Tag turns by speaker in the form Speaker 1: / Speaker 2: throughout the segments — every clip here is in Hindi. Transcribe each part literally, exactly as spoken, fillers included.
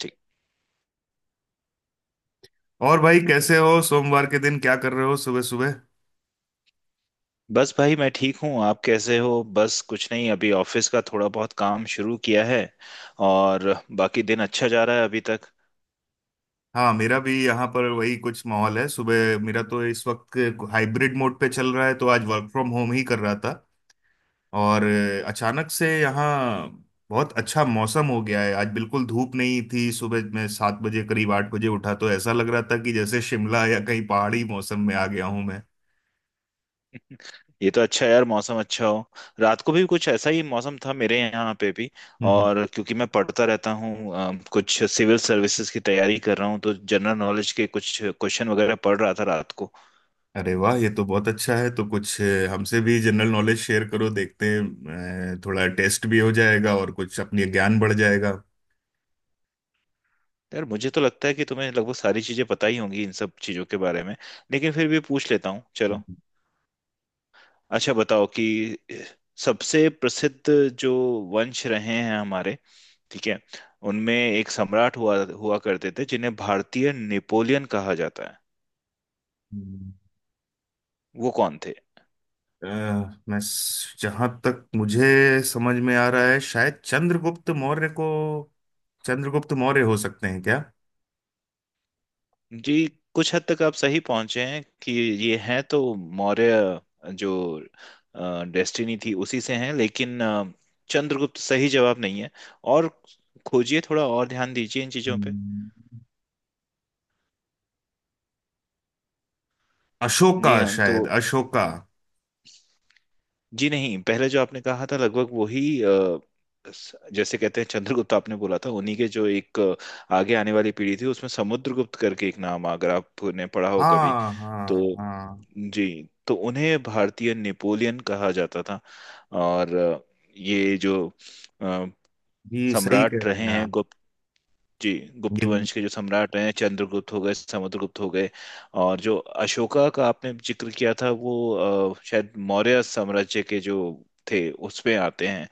Speaker 1: ठीक।
Speaker 2: और भाई, कैसे हो? सोमवार के दिन क्या कर रहे हो सुबह सुबह?
Speaker 1: बस भाई, मैं ठीक हूँ। आप कैसे हो? बस कुछ नहीं, अभी ऑफिस का थोड़ा बहुत काम शुरू किया है और बाकी दिन अच्छा जा रहा है अभी तक।
Speaker 2: हाँ, मेरा भी यहाँ पर वही कुछ माहौल है। सुबह मेरा तो इस वक्त हाइब्रिड मोड पे चल रहा है, तो आज वर्क फ्रॉम होम ही कर रहा था। और अ, अचानक से यहाँ बहुत अच्छा मौसम हो गया है। आज बिल्कुल धूप नहीं थी। सुबह मैं सात बजे करीब आठ बजे उठा तो ऐसा लग रहा था कि जैसे शिमला या कहीं पहाड़ी मौसम में आ गया हूँ मैं।
Speaker 1: ये तो अच्छा है यार, मौसम अच्छा हो। रात को भी कुछ ऐसा ही मौसम था मेरे यहाँ पे भी।
Speaker 2: हम्म, हम्म।
Speaker 1: और क्योंकि मैं पढ़ता रहता हूँ, अ, कुछ सिविल सर्विसेज की तैयारी कर रहा हूँ, तो जनरल नॉलेज के कुछ क्वेश्चन वगैरह पढ़ रहा था रात को।
Speaker 2: अरे वाह, ये तो बहुत अच्छा है। तो कुछ अ, हमसे भी जनरल नॉलेज शेयर करो, देखते हैं। अ, थोड़ा टेस्ट भी हो जाएगा और कुछ अपनी ज्ञान बढ़ जाएगा।
Speaker 1: यार, मुझे तो लगता है कि तुम्हें लगभग सारी चीजें पता ही होंगी इन सब चीजों के बारे में। लेकिन फिर भी पूछ लेता हूँ, चलो। अच्छा बताओ कि सबसे प्रसिद्ध जो वंश रहे हैं हमारे, ठीक है, उनमें एक सम्राट हुआ हुआ करते थे जिन्हें भारतीय नेपोलियन कहा जाता है।
Speaker 2: हम्म।
Speaker 1: वो कौन थे?
Speaker 2: अ, मैं जहां तक मुझे समझ में आ रहा है, शायद चंद्रगुप्त मौर्य को, चंद्रगुप्त मौर्य हो सकते हैं क्या?
Speaker 1: जी, कुछ हद तक आप सही पहुंचे हैं कि ये हैं तो मौर्य, जो डेस्टिनी थी उसी से हैं, लेकिन अ, चंद्रगुप्त सही जवाब नहीं है। और खोजिए, थोड़ा और ध्यान दीजिए इन चीजों पे।
Speaker 2: हम्म, अशोका।
Speaker 1: जी हाँ, तो।
Speaker 2: शायद अशोका।
Speaker 1: जी नहीं, पहले जो आपने कहा था लगभग वही अ, स- जैसे कहते हैं चंद्रगुप्त आपने बोला था, उन्हीं के जो एक अ, आगे आने वाली पीढ़ी थी उसमें समुद्रगुप्त करके एक नाम, अगर आपने पढ़ा हो कभी।
Speaker 2: हाँ हाँ
Speaker 1: तो
Speaker 2: हाँ,
Speaker 1: जी, तो उन्हें भारतीय नेपोलियन कहा जाता था। और अ, ये जो अ,
Speaker 2: ये सही कह
Speaker 1: सम्राट
Speaker 2: रहे
Speaker 1: रहे
Speaker 2: हैं
Speaker 1: हैं।
Speaker 2: आप।
Speaker 1: जी, गुप्त
Speaker 2: ये
Speaker 1: वंश के जो सम्राट हैं, चंद्रगुप्त हो गए, समुद्रगुप्त हो गए। और जो अशोका का आपने जिक्र किया था वो अ, शायद मौर्य साम्राज्य के जो थे उसमें आते हैं।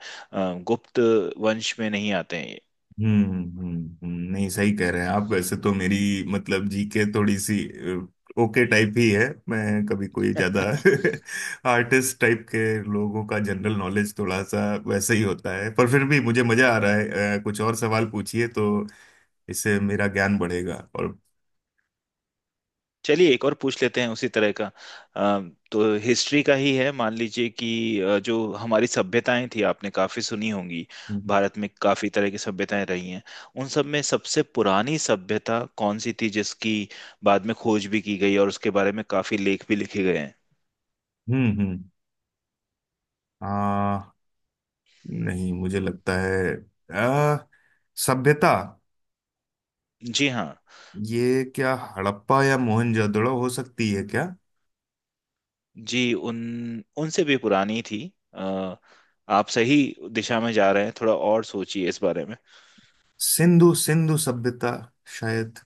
Speaker 1: अ, गुप्त वंश में नहीं आते हैं ये।
Speaker 2: हम्म हम्म। हम्म, नहीं सही कह रहे हैं आप। वैसे तो मेरी मतलब जीके थोड़ी सी अ, ओके टाइप ही है। मैं कभी कोई ज्यादा आर्टिस्ट टाइप के लोगों का जनरल नॉलेज थोड़ा सा वैसे ही होता है, पर फिर भी मुझे मजा आ रहा है। अ, कुछ और सवाल पूछिए तो इससे मेरा ज्ञान बढ़ेगा और।
Speaker 1: चलिए, एक और पूछ लेते हैं उसी तरह का। अ, तो हिस्ट्री का ही है। मान लीजिए कि अ, जो हमारी सभ्यताएं थी, आपने काफी सुनी होंगी। भारत में काफी तरह की सभ्यताएं रही हैं। उन सब में सबसे पुरानी सभ्यता कौन सी थी जिसकी बाद में खोज भी की गई और उसके बारे में काफी लेख भी लिखे गए हैं?
Speaker 2: हम्म हम्म। आ नहीं, मुझे लगता है आ, सभ्यता,
Speaker 1: जी हाँ।
Speaker 2: ये क्या हड़प्पा या मोहनजोदड़ो हो सकती है क्या?
Speaker 1: जी, उन उनसे भी पुरानी थी। अ, आप सही दिशा में जा रहे हैं, थोड़ा और सोचिए इस बारे में।
Speaker 2: सिंधु सिंधु सभ्यता शायद।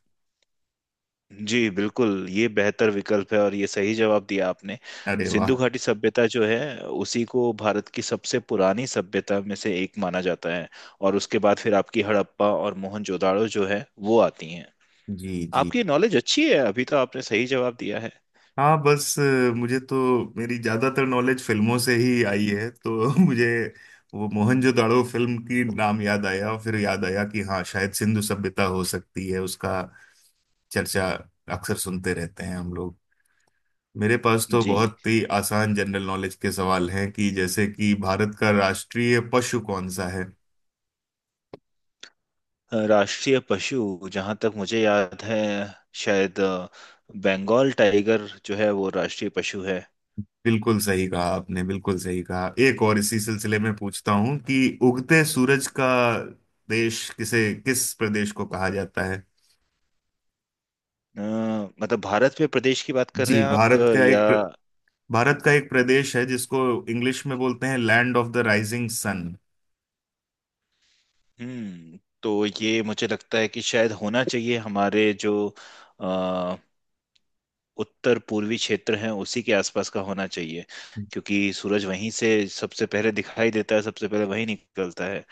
Speaker 1: जी बिल्कुल, ये बेहतर विकल्प है और ये सही जवाब दिया आपने।
Speaker 2: अरे
Speaker 1: सिंधु
Speaker 2: वाह।
Speaker 1: घाटी सभ्यता जो है, उसी को भारत की सबसे पुरानी सभ्यता में से एक माना जाता है। और उसके बाद फिर आपकी हड़प्पा और मोहनजोदाड़ो जो है वो आती हैं।
Speaker 2: जी जी।
Speaker 1: आपकी नॉलेज अच्छी है, अभी तो आपने सही जवाब दिया है।
Speaker 2: हाँ बस, अ, मुझे तो मेरी ज्यादातर नॉलेज फिल्मों से ही आई है, तो मुझे वो मोहनजोदाड़ो फिल्म की नाम याद आया और फिर याद आया कि हाँ, शायद सिंधु सभ्यता हो सकती है। उसका चर्चा अक्सर सुनते रहते हैं हम लोग। मेरे पास तो
Speaker 1: जी,
Speaker 2: बहुत ही आसान जनरल नॉलेज के सवाल हैं, कि जैसे कि भारत का राष्ट्रीय पशु कौन सा है?
Speaker 1: अ, राष्ट्रीय पशु जहाँ तक मुझे याद है, शायद अ, बंगाल टाइगर जो है वो राष्ट्रीय पशु है।
Speaker 2: बिल्कुल सही कहा आपने, बिल्कुल सही कहा। एक और इसी सिलसिले में पूछता हूं कि उगते सूरज का देश किसे किस प्रदेश को कहा जाता है?
Speaker 1: अ, मतलब भारत में प्रदेश की बात कर रहे
Speaker 2: जी,
Speaker 1: हैं आप, अ,
Speaker 2: भारत का
Speaker 1: या?
Speaker 2: एक प्र- भारत का एक प्रदेश है जिसको इंग्लिश में बोलते हैं land of the rising sun.
Speaker 1: हम्म तो ये मुझे लगता है कि शायद होना चाहिए हमारे जो अ, उत्तर पूर्वी क्षेत्र हैं उसी के आसपास का होना चाहिए। क्योंकि सूरज वहीं से सबसे पहले दिखाई देता है, सबसे पहले वहीं निकलता है।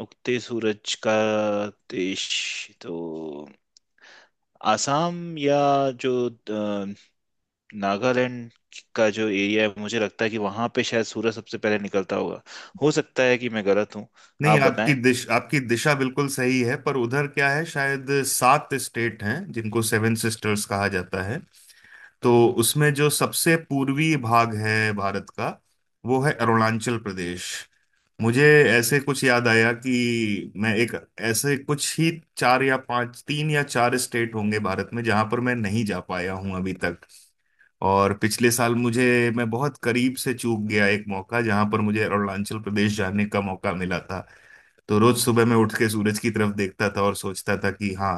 Speaker 1: उगते सूरज का देश, तो आसाम या जो अ, नागालैंड का जो एरिया है, मुझे लगता है कि वहां पे शायद सूरज सबसे पहले निकलता होगा। हो सकता है कि मैं गलत हूँ।
Speaker 2: नहीं,
Speaker 1: आप
Speaker 2: आपकी
Speaker 1: बताएं।
Speaker 2: दिश आपकी दिशा बिल्कुल सही है, पर उधर क्या है, शायद सात स्टेट हैं जिनको सेवन सिस्टर्स कहा जाता है। तो उसमें जो सबसे पूर्वी भाग है भारत का, वो है अरुणाचल प्रदेश। मुझे ऐसे कुछ याद आया कि मैं एक ऐसे कुछ ही चार या पांच, तीन या चार स्टेट होंगे भारत में जहां पर मैं नहीं जा पाया हूं अभी तक। और पिछले साल मुझे मैं बहुत करीब से चूक गया एक मौका, जहां पर मुझे अरुणाचल प्रदेश जाने का मौका मिला था। तो रोज सुबह मैं उठ के सूरज की तरफ देखता था और सोचता था कि हाँ,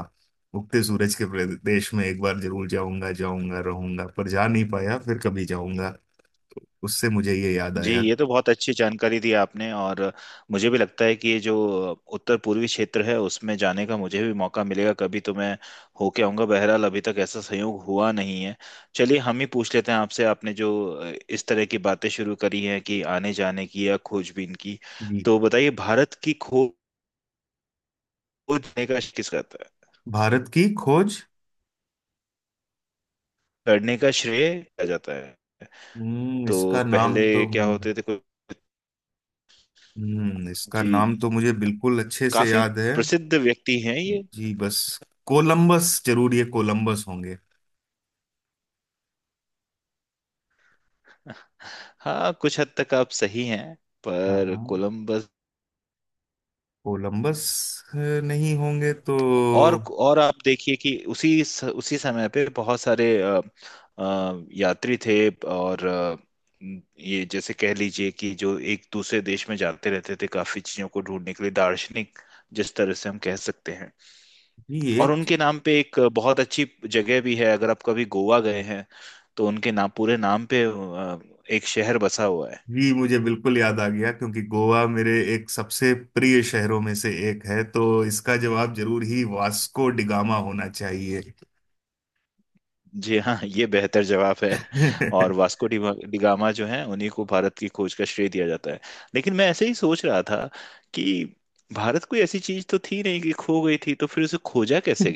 Speaker 2: उगते सूरज के प्रदेश में एक बार जरूर जाऊंगा जाऊंगा रहूंगा, पर जा नहीं पाया। फिर कभी जाऊंगा। तो उससे मुझे ये याद
Speaker 1: जी,
Speaker 2: आया।
Speaker 1: ये तो बहुत अच्छी जानकारी दी आपने। और मुझे भी लगता है कि ये जो उत्तर पूर्वी क्षेत्र है उसमें जाने का मुझे भी मौका मिलेगा कभी, तो मैं होके आऊंगा। बहरहाल अभी तक ऐसा संयोग हुआ नहीं है। चलिए हम ही पूछ लेते हैं आपसे। आपने जो इस तरह की बातें शुरू करी हैं कि आने जाने की या खोजबीन की।
Speaker 2: जी,
Speaker 1: तो बताइए, भारत की खोज करने का किस करता है,
Speaker 2: भारत की खोज।
Speaker 1: करने का श्रेय किया जाता है?
Speaker 2: हम्म
Speaker 1: तो
Speaker 2: इसका नाम
Speaker 1: पहले
Speaker 2: तो
Speaker 1: क्या होते थे कुछ?
Speaker 2: हम्म, इसका नाम
Speaker 1: जी,
Speaker 2: तो मुझे बिल्कुल अच्छे से
Speaker 1: काफी
Speaker 2: याद है।
Speaker 1: प्रसिद्ध व्यक्ति हैं ये।
Speaker 2: जी बस, कोलंबस, जरूर ये कोलंबस होंगे।
Speaker 1: हाँ, कुछ हद तक आप सही हैं, पर
Speaker 2: हाँ,
Speaker 1: कोलंबस।
Speaker 2: कोलंबस नहीं होंगे तो?
Speaker 1: और और आप देखिए कि उसी स- उसी समय पे बहुत सारे अ, अ, यात्री थे। और अ, ये जैसे कह लीजिए कि जो एक दूसरे देश में जाते रहते थे काफी चीजों को ढूंढने के लिए, दार्शनिक जिस तरह से हम कह सकते हैं।
Speaker 2: ये
Speaker 1: और
Speaker 2: एक
Speaker 1: उनके नाम पे एक बहुत अच्छी जगह भी है, अगर आप कभी गोवा गए हैं तो उनके नाम, पूरे नाम पे अ, एक शहर बसा हुआ है।
Speaker 2: जी, मुझे बिल्कुल याद आ गया, क्योंकि गोवा मेरे एक सबसे प्रिय शहरों में से एक है, तो इसका जवाब जरूर ही वास्को डिगामा होना चाहिए।
Speaker 1: जी हाँ, ये बेहतर जवाब है। और वास्को डी डिगामा जो है, उन्हीं को भारत की खोज का श्रेय दिया जाता है। लेकिन मैं ऐसे ही सोच रहा था कि भारत कोई ऐसी चीज तो थी नहीं कि खो गई थी, तो फिर उसे खोजा कैसे?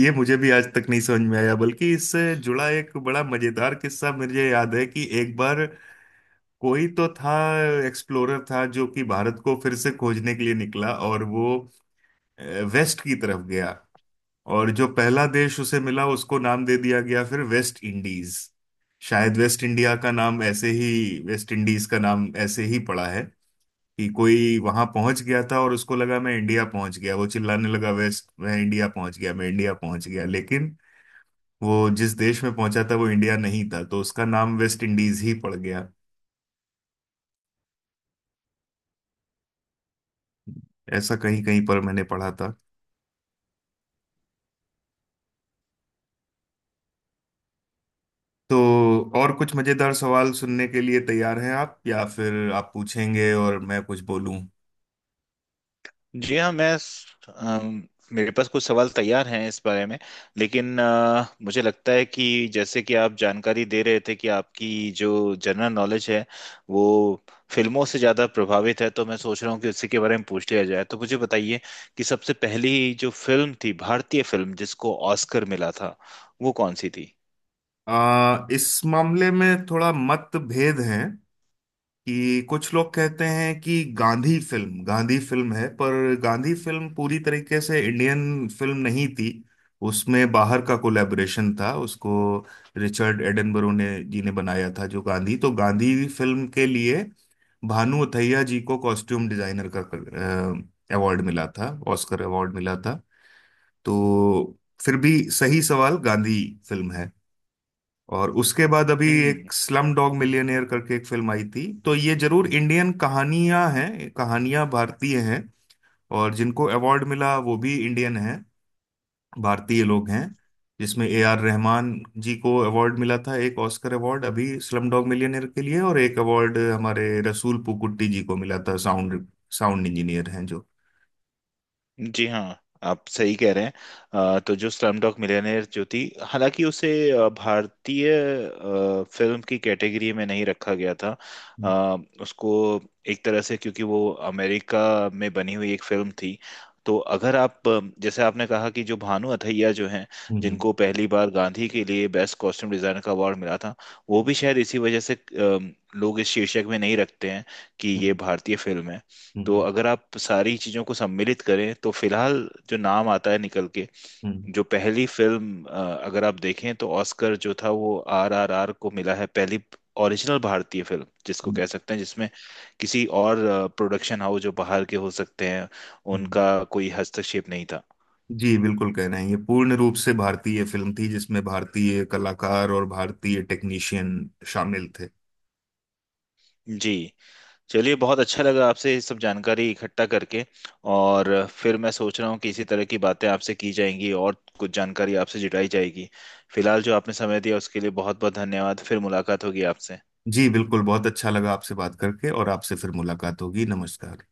Speaker 2: ये मुझे भी आज तक नहीं समझ में आया। बल्कि इससे जुड़ा एक बड़ा मजेदार किस्सा मुझे याद है, कि एक बार कोई तो था एक्सप्लोरर था जो कि भारत को फिर से खोजने के लिए निकला, और वो अ, वेस्ट की तरफ गया। और जो पहला देश उसे मिला उसको नाम दे दिया गया फिर वेस्ट इंडीज। शायद वेस्ट इंडिया का नाम ऐसे ही वेस्ट इंडीज का नाम ऐसे ही पड़ा है कि कोई वहां पहुंच गया था और उसको लगा मैं इंडिया पहुंच गया। वो चिल्लाने लगा वेस्ट, मैं इंडिया पहुंच गया, मैं इंडिया पहुंच गया। लेकिन वो जिस देश में पहुंचा था, वो इंडिया नहीं था, तो उसका नाम वेस्ट इंडीज ही पड़ गया। ऐसा कहीं कहीं पर मैंने पढ़ा था। तो और कुछ मजेदार सवाल सुनने के लिए तैयार हैं आप, या फिर आप पूछेंगे और मैं कुछ बोलूं?
Speaker 1: जी हाँ, मैं अम, मेरे पास कुछ सवाल तैयार हैं इस बारे में। लेकिन अ, मुझे लगता है कि जैसे कि आप जानकारी दे रहे थे कि आपकी जो जनरल नॉलेज है वो फिल्मों से ज़्यादा प्रभावित है। तो मैं सोच रहा हूँ कि उसी के बारे में पूछ लिया जाए। तो मुझे बताइए कि सबसे पहली जो फिल्म थी भारतीय फिल्म जिसको ऑस्कर मिला था, वो कौन सी थी?
Speaker 2: आ, इस मामले में थोड़ा मतभेद है कि कुछ लोग कहते हैं कि गांधी फिल्म, गांधी फिल्म है पर गांधी फिल्म पूरी तरीके से इंडियन फिल्म नहीं थी। उसमें बाहर का कोलैबोरेशन था। उसको रिचर्ड एडनबरो ने जी ने बनाया था जो। गांधी तो गांधी फिल्म के लिए भानु अथैया जी को कॉस्ट्यूम डिजाइनर का अवार्ड मिला था ऑस्कर अवार्ड मिला था। तो फिर भी सही सवाल गांधी फिल्म है। और उसके बाद अभी
Speaker 1: हम्म।
Speaker 2: एक स्लम डॉग मिलियनेयर करके एक फिल्म आई थी, तो ये जरूर इंडियन कहानियां हैं, कहानियां भारतीय हैं। और जिनको अवार्ड मिला वो भी इंडियन हैं, भारतीय लोग हैं। जिसमें ए आर रहमान जी को अवार्ड मिला था, एक ऑस्कर अवार्ड, अभी स्लम डॉग मिलियनेयर के लिए। और एक अवार्ड हमारे रसूल पुकुट्टी जी को मिला था, साउंड साउंड इंजीनियर हैं जो।
Speaker 1: जी हाँ, आप सही कह रहे हैं। अ, तो जो स्लमडॉग मिलियनेयर जो थी, हालांकि उसे अ, भारतीय अ, फिल्म की कैटेगरी में नहीं रखा गया था।
Speaker 2: हम्म
Speaker 1: अ, उसको एक तरह से, क्योंकि वो अमेरिका में बनी हुई एक फिल्म थी। तो अगर आप अ, जैसे आपने कहा कि जो भानु अथैया जो हैं,
Speaker 2: हम्म
Speaker 1: जिनको पहली बार गांधी के लिए बेस्ट कॉस्ट्यूम डिजाइनर का अवार्ड मिला था, वो भी शायद इसी वजह से अ, लोग इस शीर्षक में नहीं रखते हैं कि ये
Speaker 2: हम्म
Speaker 1: भारतीय फिल्म है।
Speaker 2: हम्म
Speaker 1: तो
Speaker 2: हम्म
Speaker 1: अगर आप सारी चीजों को सम्मिलित करें तो फिलहाल जो नाम आता है निकल के,
Speaker 2: हम्म,
Speaker 1: जो पहली फिल्म, अ, अगर आप देखें तो ऑस्कर जो था वो आर आर आर को मिला है। पहली ओरिजिनल भारतीय फिल्म जिसको
Speaker 2: हम्म,
Speaker 1: कह सकते हैं, जिसमें किसी और प्रोडक्शन हाउस जो बाहर के हो सकते हैं,
Speaker 2: हम्म।
Speaker 1: उनका कोई हस्तक्षेप नहीं था।
Speaker 2: जी बिल्कुल कह रहे हैं, ये पूर्ण रूप से भारतीय फिल्म थी जिसमें भारतीय कलाकार और भारतीय टेक्नीशियन शामिल थे।
Speaker 1: जी। चलिए, बहुत अच्छा लगा आपसे ये सब जानकारी इकट्ठा करके। और फिर मैं सोच रहा हूँ कि इसी तरह की बातें आपसे की जाएंगी और कुछ जानकारी आपसे जुटाई जाएगी। फिलहाल जो आपने समय दिया उसके लिए बहुत बहुत धन्यवाद। फिर मुलाकात होगी आपसे।
Speaker 2: जी बिल्कुल, बहुत अच्छा लगा आपसे बात करके, और आपसे फिर मुलाकात होगी। नमस्कार।